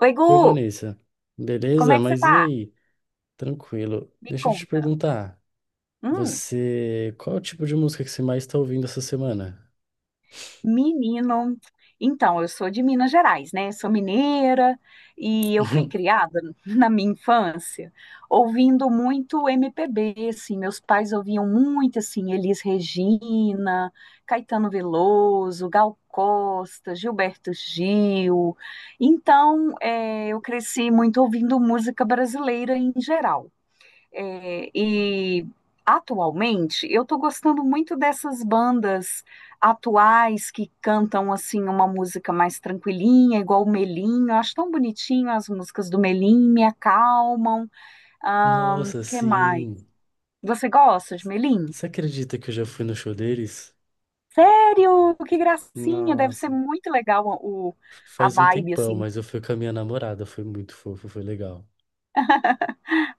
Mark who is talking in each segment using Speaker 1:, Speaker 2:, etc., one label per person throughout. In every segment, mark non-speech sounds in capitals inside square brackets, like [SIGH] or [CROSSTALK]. Speaker 1: Oi,
Speaker 2: Oi,
Speaker 1: Gu!
Speaker 2: Vanessa.
Speaker 1: Como
Speaker 2: Beleza?
Speaker 1: é que você
Speaker 2: Mas e
Speaker 1: tá?
Speaker 2: aí? Tranquilo.
Speaker 1: Me
Speaker 2: Deixa eu te
Speaker 1: conta.
Speaker 2: perguntar,
Speaker 1: Hum,
Speaker 2: você, qual é o tipo de música que você mais está ouvindo essa semana?
Speaker 1: menino. Então, eu sou de Minas Gerais, né? Sou mineira e eu fui
Speaker 2: [LAUGHS]
Speaker 1: criada [LAUGHS] na minha infância ouvindo muito MPB, assim. Meus pais ouviam muito, assim, Elis Regina, Caetano Veloso, Gal Costa, Gilberto Gil. Então, eu cresci muito ouvindo música brasileira em geral. É, e atualmente eu estou gostando muito dessas bandas atuais que cantam assim uma música mais tranquilinha, igual o Melim. Eu acho tão bonitinho as músicas do Melim, me acalmam.
Speaker 2: Nossa,
Speaker 1: Que mais?
Speaker 2: sim.
Speaker 1: Você gosta de Melim?
Speaker 2: Você acredita que eu já fui no show deles?
Speaker 1: Sério? Que gracinha! Deve ser
Speaker 2: Nossa,
Speaker 1: muito legal o, a
Speaker 2: faz um
Speaker 1: vibe
Speaker 2: tempão,
Speaker 1: assim.
Speaker 2: mas eu fui com a minha namorada, foi muito fofo, foi legal.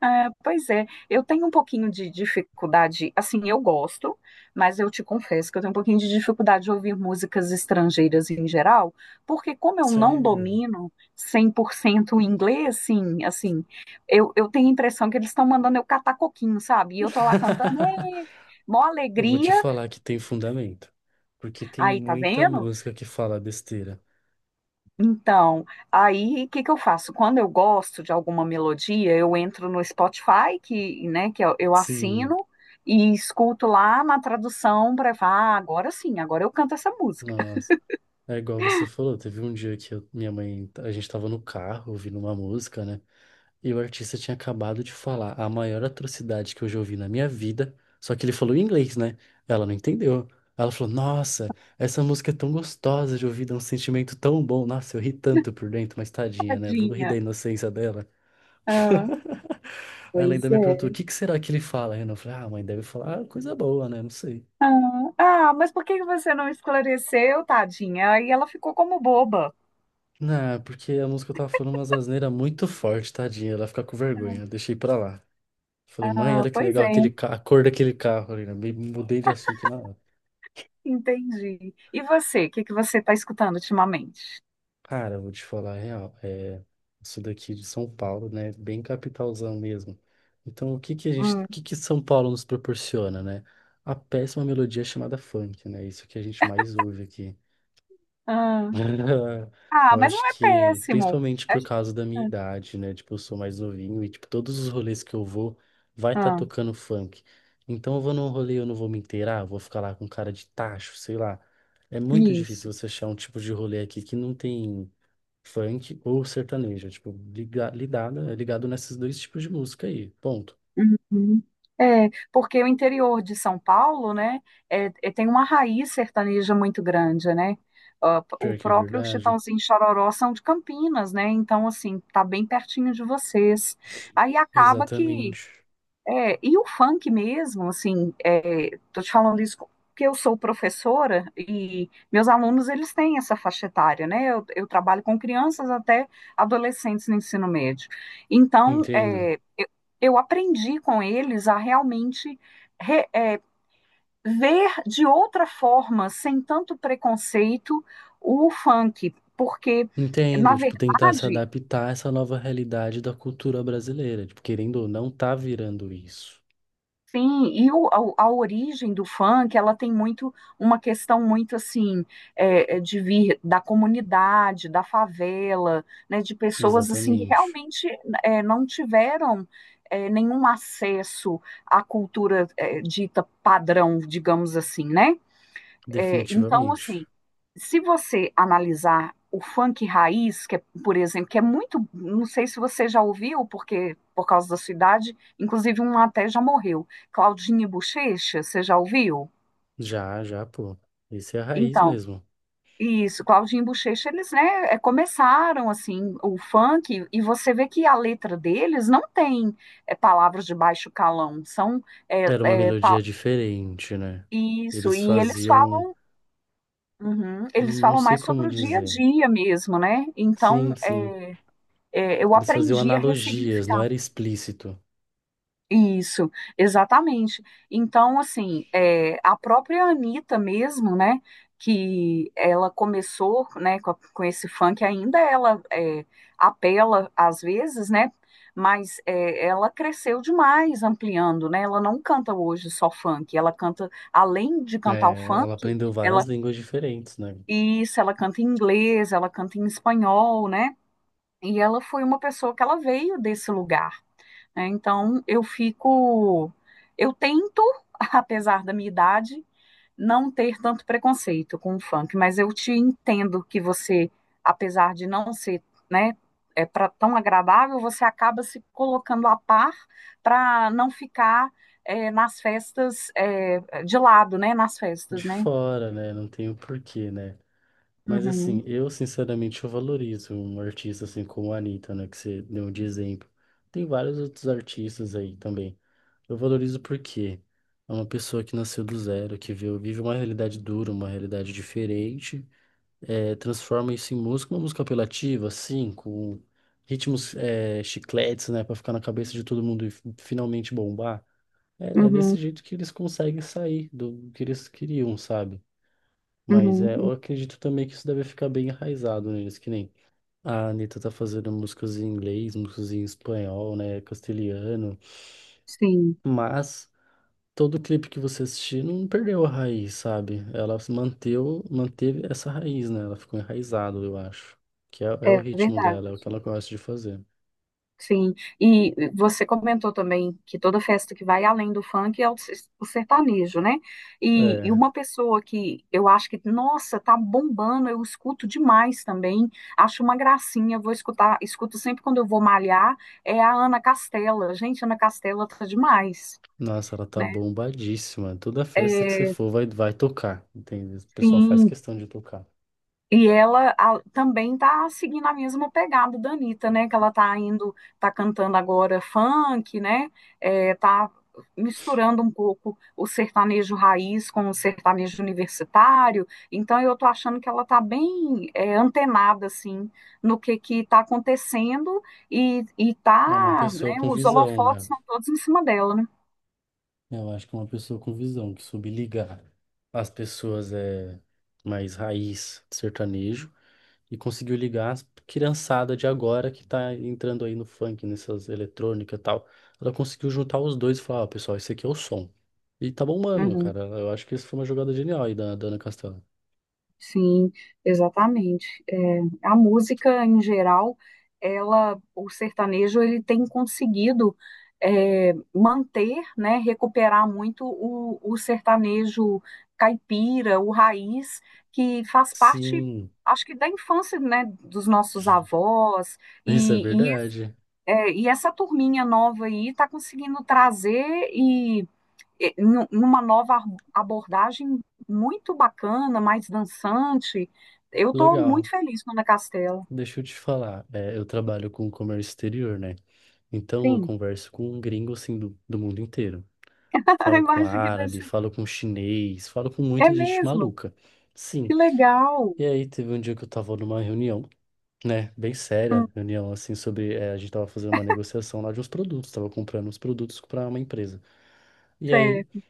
Speaker 1: É, pois é, eu tenho um pouquinho de dificuldade, assim, eu gosto, mas eu te confesso que eu tenho um pouquinho de dificuldade de ouvir músicas estrangeiras em geral, porque como eu não
Speaker 2: Sério?
Speaker 1: domino 100% o inglês, sim, assim, eu tenho a impressão que eles estão mandando eu catar coquinho, sabe? E eu tô lá cantando,
Speaker 2: [LAUGHS]
Speaker 1: "Ê, mó
Speaker 2: Eu vou te
Speaker 1: alegria,
Speaker 2: falar que tem fundamento, porque tem
Speaker 1: aí, tá
Speaker 2: muita
Speaker 1: vendo?"
Speaker 2: música que fala besteira.
Speaker 1: Então, aí o que que eu faço? Quando eu gosto de alguma melodia, eu entro no Spotify, que, né, que eu
Speaker 2: Sim,
Speaker 1: assino e escuto lá na tradução para falar, ah, agora sim, agora eu canto essa música.
Speaker 2: nossa. É igual você falou, teve um dia que minha mãe, a gente tava no carro ouvindo uma música, né? E o artista tinha acabado de falar a maior atrocidade que eu já ouvi na minha vida, só que ele falou em inglês, né? Ela não entendeu. Ela falou: Nossa, essa música é tão gostosa de ouvir, dá um sentimento tão bom. Nossa, eu ri tanto
Speaker 1: [LAUGHS]
Speaker 2: por dentro, mas tadinha, né? Vou rir
Speaker 1: Tadinha.
Speaker 2: da inocência dela.
Speaker 1: Ah,
Speaker 2: Ela
Speaker 1: pois
Speaker 2: ainda me perguntou: O
Speaker 1: é.
Speaker 2: que que será que ele fala, Renan? Eu falei: Ah, mãe, deve falar coisa boa, né? Não sei.
Speaker 1: Ah, ah, mas por que que você não esclareceu, tadinha? Aí ela ficou como boba.
Speaker 2: Não, porque a música tava falando umas asneiras muito forte, tadinha. Ela fica com vergonha, eu deixei pra lá. Falei: mãe,
Speaker 1: Ah,
Speaker 2: olha que
Speaker 1: pois
Speaker 2: legal
Speaker 1: é,
Speaker 2: aquele a cor daquele carro ali, né? Mudei de assunto na hora.
Speaker 1: entendi. E você, o que que você está escutando ultimamente?
Speaker 2: Cara, eu vou te falar a real. É, isso daqui de São Paulo, né? Bem capitalzão mesmo. Então, o
Speaker 1: Hum,
Speaker 2: que que São Paulo nos proporciona, né? A péssima melodia chamada funk, né? Isso que a gente mais ouve aqui.
Speaker 1: ah,
Speaker 2: [LAUGHS]
Speaker 1: ah,
Speaker 2: Eu
Speaker 1: mas
Speaker 2: acho
Speaker 1: não é
Speaker 2: que,
Speaker 1: péssimo.
Speaker 2: principalmente
Speaker 1: A-
Speaker 2: por causa da minha
Speaker 1: ah.
Speaker 2: idade, né? Tipo, eu sou mais novinho e, tipo, todos os rolês que eu vou, vai estar
Speaker 1: Ah.
Speaker 2: tocando funk. Então, eu vou num rolê, eu não vou me inteirar, vou ficar lá com cara de tacho, sei lá. É muito
Speaker 1: Isso.
Speaker 2: difícil você achar um tipo de rolê aqui que não tem funk ou sertanejo. É, tipo, é ligado nesses dois tipos de música aí. Ponto.
Speaker 1: Uhum. É, porque o interior de São Paulo, né, tem uma raiz sertaneja muito grande, né? Ah, p- o
Speaker 2: Pior que é
Speaker 1: próprio
Speaker 2: verdade.
Speaker 1: Chitãozinho e Chororó são de Campinas, né? Então, assim, tá bem pertinho de vocês. Aí acaba que.
Speaker 2: Exatamente.
Speaker 1: É, e o funk mesmo, assim, tô te falando isso porque eu sou professora e meus alunos, eles têm essa faixa etária, né? Eu trabalho com crianças até adolescentes no ensino médio. Então,
Speaker 2: Entendo.
Speaker 1: eu aprendi com eles a realmente re- é, ver de outra forma, sem tanto preconceito, o funk, porque, na
Speaker 2: Entendo, tipo, tentar se
Speaker 1: verdade,
Speaker 2: adaptar a essa nova realidade da cultura brasileira, tipo, querendo ou não, tá virando isso.
Speaker 1: sim, a origem do funk, ela tem muito, uma questão muito assim, de vir da comunidade, da favela, né, de pessoas assim que
Speaker 2: Exatamente.
Speaker 1: realmente não tiveram nenhum acesso à cultura, dita padrão, digamos assim, né? É, então,
Speaker 2: Definitivamente.
Speaker 1: assim, se você analisar o funk raiz, que é, por exemplo, que é muito, não sei se você já ouviu, porque por causa da sua idade, inclusive um até já morreu, Claudinho e Bochecha, você já ouviu?
Speaker 2: Já, já, pô. Esse é a raiz
Speaker 1: Então,
Speaker 2: mesmo.
Speaker 1: isso, Claudinho e Bochecha, eles, né, começaram, assim, o funk, e você vê que a letra deles não tem palavras de baixo calão, são
Speaker 2: Era uma
Speaker 1: é, pa-
Speaker 2: melodia diferente, né?
Speaker 1: isso,
Speaker 2: Eles
Speaker 1: e eles
Speaker 2: faziam,
Speaker 1: falam. Uhum. Eles
Speaker 2: não
Speaker 1: falam
Speaker 2: sei
Speaker 1: mais
Speaker 2: como
Speaker 1: sobre o dia a
Speaker 2: dizer.
Speaker 1: dia mesmo, né?
Speaker 2: Sim,
Speaker 1: Então,
Speaker 2: sim.
Speaker 1: eu
Speaker 2: Eles faziam
Speaker 1: aprendi a
Speaker 2: analogias, não
Speaker 1: ressignificar.
Speaker 2: era explícito.
Speaker 1: Isso, exatamente. Então, assim, é, a própria Anitta mesmo, né? Que ela começou, né, com esse funk, ainda ela apela às vezes, né? Mas é, ela cresceu demais ampliando, né? Ela não canta hoje só funk, ela canta, além de cantar o
Speaker 2: É, ela
Speaker 1: funk,
Speaker 2: aprendeu várias
Speaker 1: ela.
Speaker 2: línguas diferentes, né?
Speaker 1: Isso, ela canta em inglês, ela canta em espanhol, né? E ela foi uma pessoa que ela veio desse lugar, né? Então eu fico, eu tento, [LAUGHS] apesar da minha idade, não ter tanto preconceito com o funk, mas eu te entendo que você, apesar de não ser, né, é para tão agradável, você acaba se colocando a par para não ficar nas festas, de lado, né? Nas
Speaker 2: De
Speaker 1: festas, né?
Speaker 2: fora, né? Não tem o porquê, né? Mas assim,
Speaker 1: Uhum,
Speaker 2: eu sinceramente eu valorizo um artista assim como a Anitta, né, que você deu de exemplo. Tem vários outros artistas aí também. Eu valorizo porque é uma pessoa que nasceu do zero, que vive uma realidade dura, uma realidade diferente, é, transforma isso em música, uma música apelativa, assim, com ritmos é, chicletes, né, pra ficar na cabeça de todo mundo e finalmente bombar. É desse
Speaker 1: uhum,
Speaker 2: jeito que eles conseguem sair do que eles queriam, sabe? Mas é, eu
Speaker 1: uhum.
Speaker 2: acredito também que isso deve ficar bem enraizado neles, que nem a Anitta tá fazendo músicas em inglês, músicas em espanhol, né, castelhano,
Speaker 1: Sim,
Speaker 2: mas todo clipe que você assistir não perdeu a raiz, sabe? Ela se manteve essa raiz, né? Ela ficou enraizada, eu acho. Que é o
Speaker 1: é
Speaker 2: ritmo
Speaker 1: verdade.
Speaker 2: dela, é o que ela gosta de fazer.
Speaker 1: Sim. E você comentou também que toda festa que vai além do funk é o sertanejo, né? E
Speaker 2: É,
Speaker 1: uma pessoa que eu acho que, nossa, tá bombando, eu escuto demais também, acho uma gracinha, vou escutar, escuto sempre quando eu vou malhar, é a Ana Castela. Gente, Ana Castela tá demais,
Speaker 2: nossa, ela tá
Speaker 1: né?
Speaker 2: bombadíssima. Toda festa que você
Speaker 1: É,
Speaker 2: for vai, vai tocar, entende? O pessoal faz
Speaker 1: sim.
Speaker 2: questão de tocar.
Speaker 1: E ela também tá seguindo a mesma pegada da Anitta, né? Que ela tá indo, tá cantando agora funk, né? É, tá misturando um pouco o sertanejo raiz com o sertanejo universitário. Então eu tô achando que ela tá bem antenada, assim, no que tá acontecendo e
Speaker 2: É uma
Speaker 1: tá,
Speaker 2: pessoa
Speaker 1: né?
Speaker 2: com
Speaker 1: Os
Speaker 2: visão,
Speaker 1: holofotes
Speaker 2: né?
Speaker 1: estão todos em cima dela, né?
Speaker 2: Eu acho que uma pessoa com visão, que soube ligar as pessoas é mais raiz sertanejo e conseguiu ligar as criançada de agora que tá entrando aí no funk, nessas eletrônicas e tal. Ela conseguiu juntar os dois e falar: ó, pessoal, esse aqui é o som. E tá bombando,
Speaker 1: Uhum.
Speaker 2: cara. Eu acho que isso foi uma jogada genial aí da, da Ana Castela.
Speaker 1: Sim, exatamente. É, a música em geral, ela, o sertanejo, ele tem conseguido manter, né, recuperar muito o sertanejo caipira, o raiz, que faz parte,
Speaker 2: Sim,
Speaker 1: acho que da infância, né, dos nossos avós
Speaker 2: isso é
Speaker 1: e, e,
Speaker 2: verdade.
Speaker 1: e essa turminha nova aí está conseguindo trazer eh, numa nova abordagem muito bacana, mais dançante. Eu estou
Speaker 2: Legal.
Speaker 1: muito feliz com a Ana Castela.
Speaker 2: Deixa eu te falar. Eu trabalho com comércio exterior, né? Então eu
Speaker 1: Sim,
Speaker 2: converso com gringos assim do mundo inteiro.
Speaker 1: [LAUGHS] a
Speaker 2: Falo com
Speaker 1: imagem que deve
Speaker 2: árabe,
Speaker 1: ser.
Speaker 2: falo com chinês, falo com
Speaker 1: É
Speaker 2: muita gente
Speaker 1: mesmo,
Speaker 2: maluca. Sim.
Speaker 1: que legal.
Speaker 2: E aí teve um dia que eu tava numa reunião, né? Bem séria,
Speaker 1: Hum,
Speaker 2: reunião assim sobre. A gente tava fazendo uma negociação lá de uns produtos, tava comprando uns produtos pra uma empresa. E aí
Speaker 1: certo.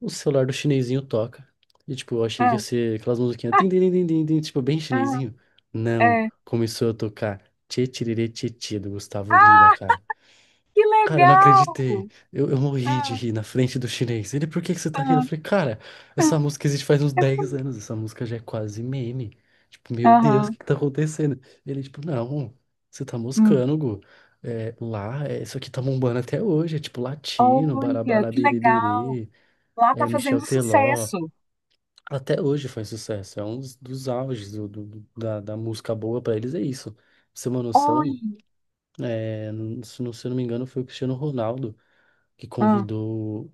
Speaker 2: o celular do chinesinho toca. E tipo, eu achei que ia
Speaker 1: Ah,
Speaker 2: ser aquelas musiquinhas, tim, tim, tim, tim, tim, tim, tipo, bem
Speaker 1: ah,
Speaker 2: chinesinho. Não,
Speaker 1: é.
Speaker 2: começou a tocar Tchê Tchiriri Tchê Tchê do Gustavo Lima,
Speaker 1: Ah,
Speaker 2: cara.
Speaker 1: que
Speaker 2: Cara, eu não
Speaker 1: legal!
Speaker 2: acreditei. Eu morri de
Speaker 1: Ah,
Speaker 2: rir na frente do chinês. Ele: por que que você tá rindo? Eu
Speaker 1: ah,
Speaker 2: falei: cara, essa
Speaker 1: ah,
Speaker 2: música existe faz uns
Speaker 1: é
Speaker 2: dez
Speaker 1: bonito.
Speaker 2: anos. Essa música já é quase meme. Tipo, meu Deus, o
Speaker 1: Aham,
Speaker 2: que que tá acontecendo? Ele, tipo: não, você tá
Speaker 1: hum.
Speaker 2: moscando, Gu. É, lá, é, isso aqui tá bombando até hoje. É tipo latino,
Speaker 1: Olha,
Speaker 2: Barabara
Speaker 1: que legal!
Speaker 2: Beriberi,
Speaker 1: Lá tá
Speaker 2: é Michel
Speaker 1: fazendo
Speaker 2: Teló.
Speaker 1: sucesso.
Speaker 2: Até hoje faz sucesso. É um dos auges da música boa pra eles, é isso. Pra você ter uma noção,
Speaker 1: Olha.
Speaker 2: é, se eu não me engano, foi o Cristiano Ronaldo que
Speaker 1: Ah.
Speaker 2: convidou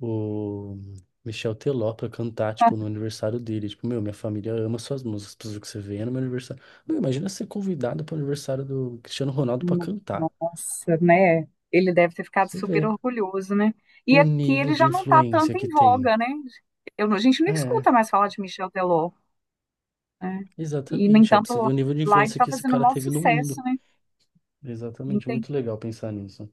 Speaker 2: o Michel Teló pra cantar, tipo, no aniversário dele. Tipo, meu, minha família ama suas músicas, precisa que você venha no meu aniversário. Meu, imagina ser convidado pro aniversário do Cristiano Ronaldo pra
Speaker 1: No-
Speaker 2: cantar.
Speaker 1: Nossa, né? Ele deve ter ficado
Speaker 2: Você
Speaker 1: super
Speaker 2: vê
Speaker 1: orgulhoso, né? E
Speaker 2: o
Speaker 1: aqui
Speaker 2: nível
Speaker 1: ele
Speaker 2: de
Speaker 1: já não tá tanto
Speaker 2: influência que
Speaker 1: em
Speaker 2: tem.
Speaker 1: voga, né? Eu, não- a gente não
Speaker 2: É,
Speaker 1: escuta mais falar de Michel Teló, né? E, no
Speaker 2: exatamente. É
Speaker 1: entanto,
Speaker 2: possível
Speaker 1: lá,
Speaker 2: o nível de
Speaker 1: lá ele
Speaker 2: influência
Speaker 1: tá
Speaker 2: que esse
Speaker 1: fazendo o
Speaker 2: cara
Speaker 1: maior
Speaker 2: teve no mundo.
Speaker 1: sucesso, né? Não.
Speaker 2: Exatamente, muito legal pensar nisso.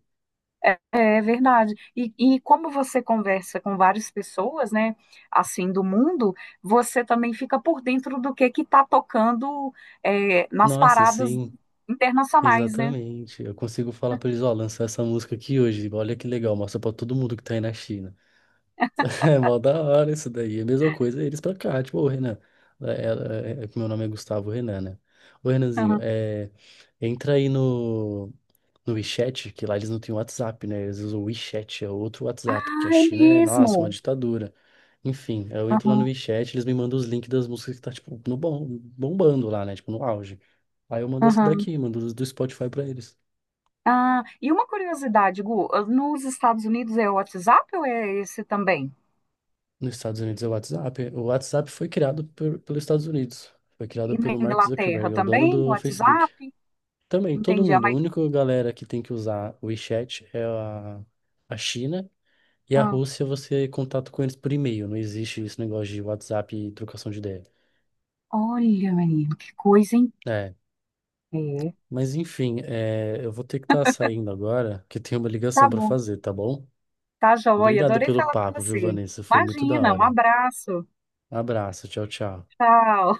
Speaker 1: É, é verdade. E como você conversa com várias pessoas, né? Assim, do mundo, você também fica por dentro do que está tocando nas
Speaker 2: Nossa,
Speaker 1: paradas
Speaker 2: sim,
Speaker 1: internacionais, né?
Speaker 2: exatamente. Eu consigo falar pra eles: ó, lançar essa música aqui hoje. Olha que legal, mostra pra todo mundo que tá aí na China. [LAUGHS] É mó da hora isso daí. É a mesma coisa eles pra cá. Tipo: ô Renan. É, é que meu nome é Gustavo Renan, né? Ô Renanzinho,
Speaker 1: Aham.
Speaker 2: entra aí no WeChat, que lá eles não têm WhatsApp, né? Eles usam o WeChat, é outro
Speaker 1: Ah,
Speaker 2: WhatsApp, porque a
Speaker 1: é
Speaker 2: China é, nossa, uma
Speaker 1: mesmo?
Speaker 2: ditadura. Enfim, eu entro lá no
Speaker 1: Aham,
Speaker 2: WeChat, eles me mandam os links das músicas que tá, tipo, no bom, bombando lá, né? Tipo, no auge. Aí eu mando as
Speaker 1: aham.
Speaker 2: daqui, mando os do Spotify pra eles.
Speaker 1: Ah, e uma curiosidade, Gu, ah, nos Estados Unidos é o WhatsApp ou é esse também?
Speaker 2: Nos Estados Unidos é o WhatsApp. O WhatsApp foi criado pelos Estados Unidos. Foi criado
Speaker 1: E na
Speaker 2: pelo Mark Zuckerberg,
Speaker 1: Inglaterra
Speaker 2: é o dono
Speaker 1: também, o
Speaker 2: do Facebook.
Speaker 1: WhatsApp?
Speaker 2: Também, todo
Speaker 1: Entendi. Ah,
Speaker 2: mundo. A
Speaker 1: mas,
Speaker 2: única galera que tem que usar o WeChat é a China. E a
Speaker 1: ah,
Speaker 2: Rússia, você contato com eles por e-mail. Não existe esse negócio de WhatsApp e trocação de ideia.
Speaker 1: olha, menino, que coisa, hein?
Speaker 2: É.
Speaker 1: É,
Speaker 2: Mas enfim, eu vou ter que estar saindo agora, que tem uma
Speaker 1: tá
Speaker 2: ligação para
Speaker 1: bom,
Speaker 2: fazer, tá bom?
Speaker 1: tá joia,
Speaker 2: Obrigado
Speaker 1: adorei
Speaker 2: pelo
Speaker 1: falar com
Speaker 2: papo, viu,
Speaker 1: você.
Speaker 2: Vanessa? Foi muito da
Speaker 1: Imagina, um
Speaker 2: hora.
Speaker 1: abraço,
Speaker 2: Abraço, tchau, tchau.
Speaker 1: tchau.